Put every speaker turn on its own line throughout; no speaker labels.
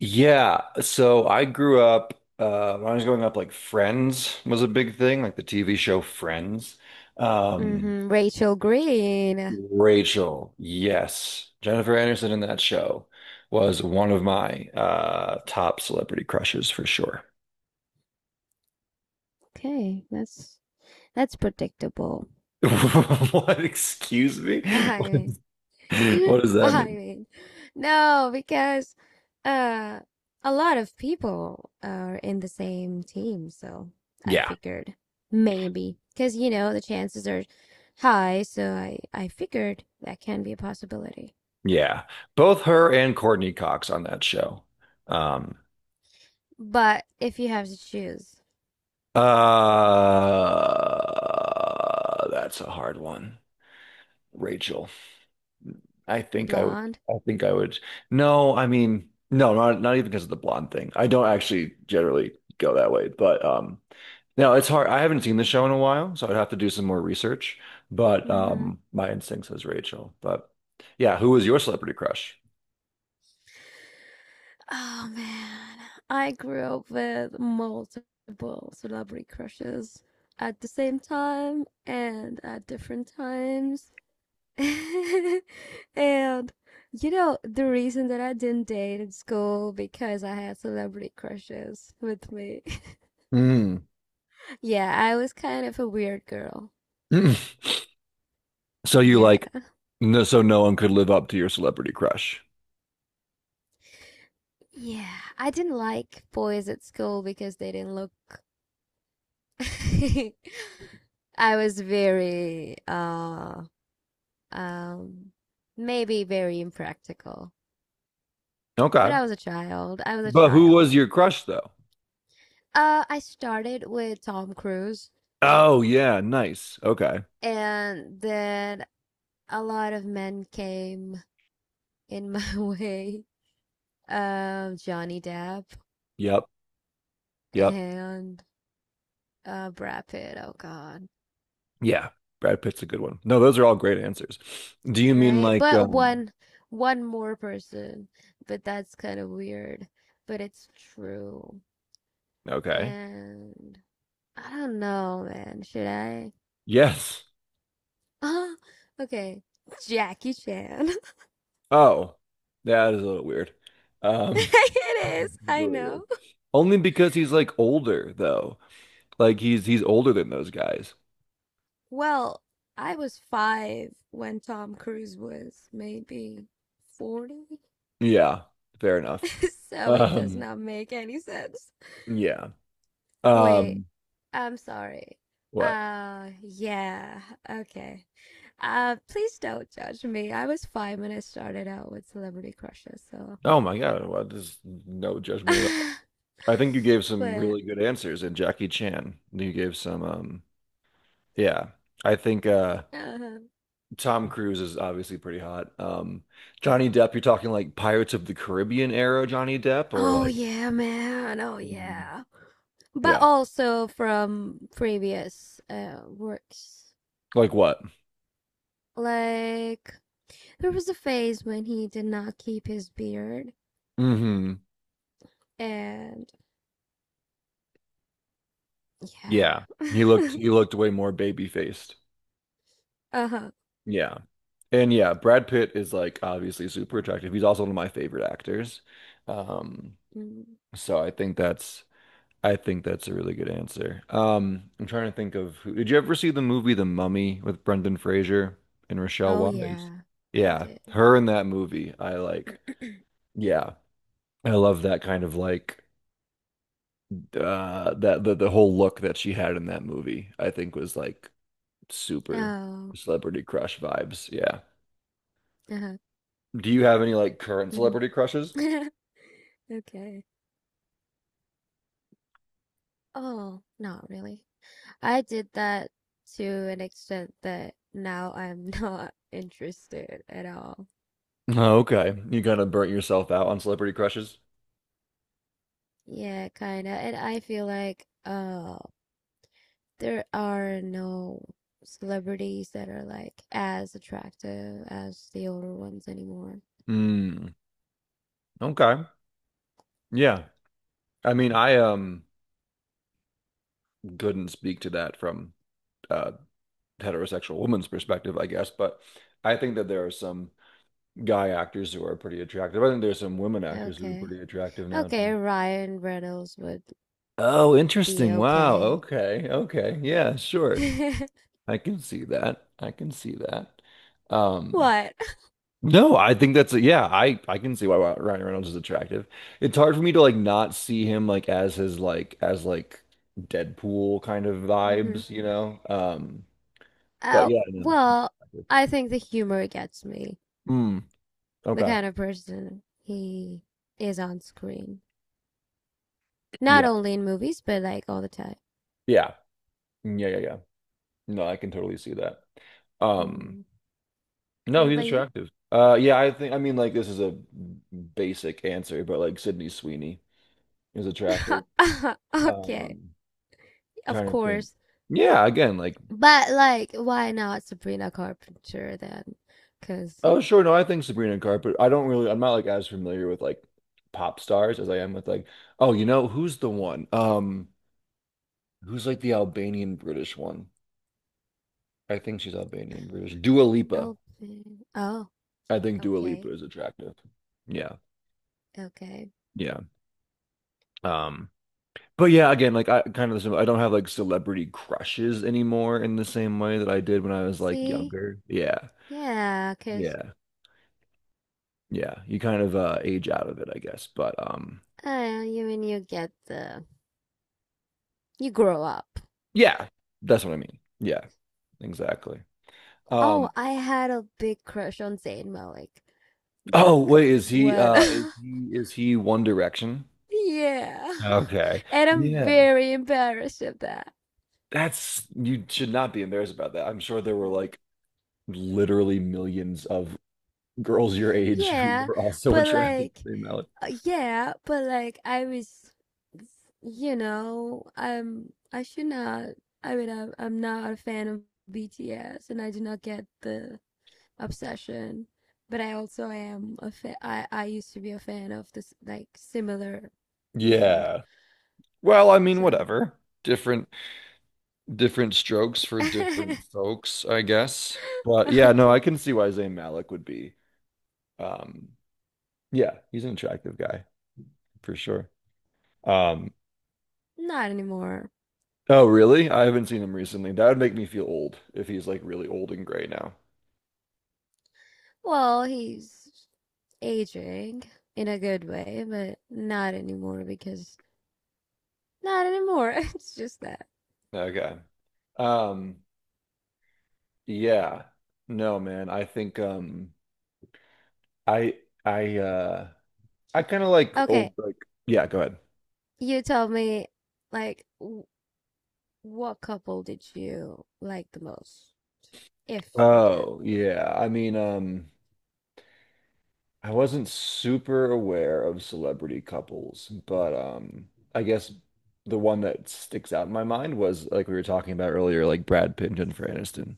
Yeah, so I grew up when I was growing up, like Friends was a big thing, like the TV show Friends. Um,
Hmm, Rachel Green.
Rachel, yes, Jennifer Anderson in that show was one of my top celebrity crushes for sure.
Okay, that's predictable.
What? Excuse me?
I
What is- what does that
I
mean?
mean, no, because uh, a lot of people are in the same team, so I
Yeah,
figured maybe because you know the chances are high, so I figured that can be a possibility.
yeah, both her and Courtney Cox on that show. Um,
But if you have to choose
that's a hard one. Rachel. I think I would.
blonde,
I think I would. No, I mean, no, not even because of the blonde thing. I don't actually generally go that way, but no, it's hard. I haven't seen the show in a while, so I'd have to do some more research. But
mm-hmm.
my instinct says Rachel. But yeah, who was your celebrity crush?
Oh man, I grew up with multiple celebrity crushes at the same time and at different times. And you know, the reason that I didn't date in school because I had celebrity crushes with me.
Mm.
Yeah, I was kind of a weird girl.
So you like,
Yeah.
no, so no one could live up to your celebrity crush.
Yeah, I didn't like boys at school because they didn't look I was very Um, maybe very impractical. But
Okay,
I was a child. I was a
but who
child.
was your crush though?
I started with Tom Cruise,
Oh yeah, nice. Okay.
and then a lot of men came in my way. Johnny Depp
Yep. Yep.
and Brad Pitt. Oh God,
Yeah, Brad Pitt's a good one. No, those are all great answers. Do you mean
right?
like
But one more person. But that's kind of weird. But it's true.
okay.
And I don't know, man. Should I?
Yes.
Ah, okay. Jackie Chan.
Oh. That is a little weird. Um
It is,
it's a
I
little weird.
know.
Only because he's like older though. Like he's older than those guys.
Well, I was five when Tom Cruise was maybe 40,
Yeah, fair enough.
so it does
Um
not make any sense.
yeah.
Wait,
Um
I'm sorry.
what?
Yeah, okay. Please don't judge me. I was five when I started out with celebrity crushes, so.
Oh my God, well, there's no judgment at all. I think you gave some
But,
really good answers and Jackie Chan. You gave some yeah. I think
uh,
Tom Cruise is obviously pretty hot. Johnny Depp, you're talking like Pirates of the Caribbean era Johnny Depp or
oh
like
yeah, man. Oh
Mm.
yeah. But
Yeah,
also from previous works.
like what?
Like there was a phase when he did not keep his beard,
Hmm.
and yeah,
Yeah. He looked he looked way more baby faced.
uh huh.
Yeah. And yeah, Brad Pitt is like obviously super attractive. He's also one of my favorite actors. Um, so I think that's I think that's a really good answer. I'm trying to think of who, did you ever see the movie The Mummy with Brendan Fraser and Rochelle
Oh
Wise?
yeah, I
Yeah,
did.
her in that movie. Yeah, I love that kind of the whole look that she had in that movie, I think was like super
Oh,
celebrity crush vibes. Yeah.
uh huh.
Do you have any like current
Hmm.
celebrity crushes?
Okay. Oh, not really. I did that to an extent that now I'm not interested at all.
Oh, okay. You kind of burnt yourself out on celebrity crushes?
Yeah, kinda. And I feel like, oh, there are no celebrities that are like as attractive as the older ones anymore.
Hmm. Okay. Yeah. I mean, I couldn't speak to that from a heterosexual woman's perspective, I guess. But I think that there are some guy actors who are pretty attractive. I think there's some women actors who are
Okay.
pretty attractive now
Okay,
too.
Ryan Reynolds would
Oh,
be
interesting. Wow.
okay.
Okay. Okay. Yeah, sure. I can see that. I can see that. Um,
What?
no, I think that's yeah, I can see why Ryan Reynolds is attractive. It's hard for me to like not see him like as Deadpool kind of
Hmm.
vibes, you know? But
Oh,
yeah, no. No, no.
well,
Exactly.
I think the humor gets me.
Mm,
The
okay.
kind of person he is on screen. Not
Yeah.
only in movies, but like all the time.
Yeah. Yeah, yeah, yeah. No, I can totally see that. Um,
Mm.
no,
What
he's
about you?
attractive. Yeah, I mean, this is a basic answer, but like Sydney Sweeney is attractive.
Okay,
Um,
of
trying to think.
course.
Yeah, again, like
But like, why not Sabrina Carpenter then? Because
oh sure, no, I think Sabrina Carpenter. I don't really I'm not like as familiar with like pop stars as I am with like oh, you know, who's the one? Who's like the Albanian British one? I think she's Albanian British. Dua Lipa.
Elvin. Oh,
I think Dua
okay,
Lipa is attractive. Yeah,
okay.
yeah. Um, but yeah, again, like I kind of I don't have like celebrity crushes anymore in the same way that I did when I was like
See,
younger. Yeah,
yeah, because
yeah, yeah. You kind of age out of it, I guess. But
you mean you get the you grow up.
yeah, that's what I mean. Yeah, exactly.
Oh,
Um,
I had a big crush on Zayn Malik
oh
back
wait, is he
when
uh is he is he One Direction?
Yeah.
Okay.
And I'm
Yeah,
very embarrassed of that.
that's you should not be embarrassed about that. I'm sure there were
Um,
like literally millions of girls your age who
Yeah,
were also
but
attracted
like,
to Zayn Malik.
I was, I should not, I'm not a fan of BTS and I do not get the obsession, but I also am a fan, I used to be a fan of this, like, similar band.
Yeah. Well, I mean,
So,
whatever. Different Different strokes for different folks, I guess. But yeah, no, I
okay,
can see why Zayn Malik would be. Um, yeah, he's an attractive guy for sure. Um,
not anymore.
oh, really? I haven't seen him recently. That would make me feel old if he's like really old and gray now.
Well, he's aging in a good way, but not anymore because not anymore. It's just that.
Okay. Um, yeah. No, man. I I uh I kind of like old
Okay,
like yeah, go ahead.
you tell me, like, what couple did you like the most? If you did.
Oh, yeah. I mean, I wasn't super aware of celebrity couples, but I guess the one that sticks out in my mind was like we were talking about earlier, like Brad Pitt and Jennifer Aniston.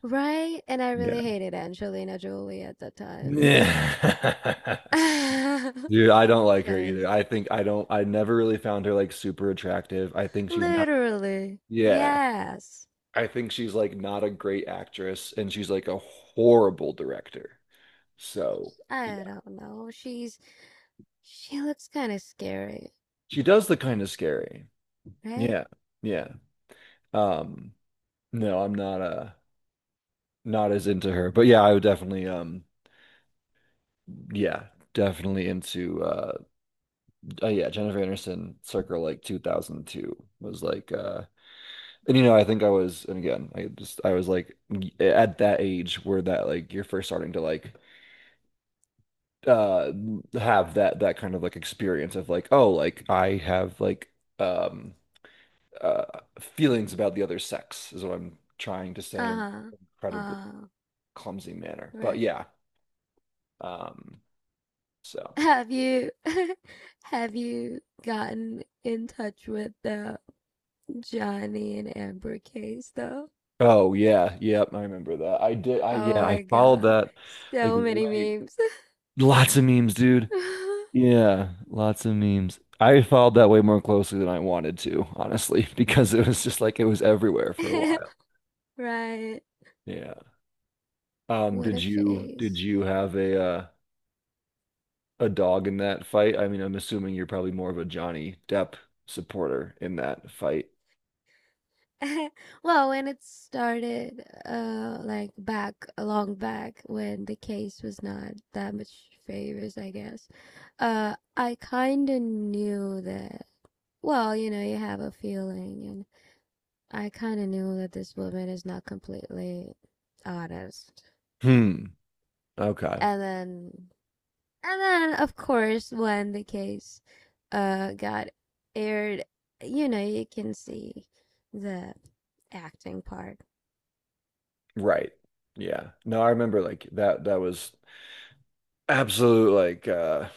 Right? And I really
Yeah.
hated Angelina Jolie at that time.
Yeah. Dude, I don't like her either.
Because
I think I don't, I never really found her like super attractive. I think she's not,
literally,
yeah.
yes.
I think she's like not a great actress and she's like a horrible director. So, yeah.
I don't know. She looks kind of scary,
She does look kind of scary.
right?
Yeah. Yeah. Um, no, I'm not as into her. But yeah, I would definitely yeah, definitely into oh yeah, Jennifer Anderson circa like 2002 was and you know, I think I was and again, I was like at that age where that like you're first starting to like uh have that kind of like experience of like oh, like I have like um uh feelings about the other sex is what I'm trying to say
Uh
and
huh.
incredibly clumsy manner. But
Right.
yeah, um, so.
Have you have you gotten in touch with the Johnny and Amber case though?
Oh yeah, yep, I remember that. I did. I
Oh
yeah, I
my
followed
God.
that like
So many
way.
memes.
Lots of memes, dude. Yeah, lots of memes. I followed that way more closely than I wanted to, honestly, because it was just like it was everywhere for a while.
Right.
Yeah.
What
Did
a
you did
phase.
you have a dog in that fight? I mean, I'm assuming you're probably more of a Johnny Depp supporter in that fight.
Well, when it started, like back, long back when the case was not that much favors, I guess. I kind of knew that. Well, you know, you have a feeling and I kind of knew that this woman is not completely honest.
Hmm. Okay.
And then, and then, of course, when the case got aired, you know, you can see the acting part.
Right. Yeah. No, I remember like that was absolute like uh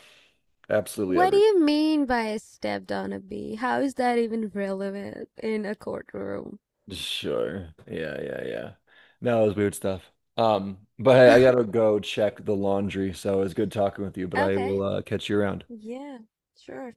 absolutely
What do
everywhere.
you mean by stepped on a bee? How is that even relevant in a courtroom?
Sure. Yeah, yeah, yeah. No, it was weird stuff. But hey, I gotta go check the laundry, so it was good talking with you, but I
Okay.
will catch you around.
Yeah, sure.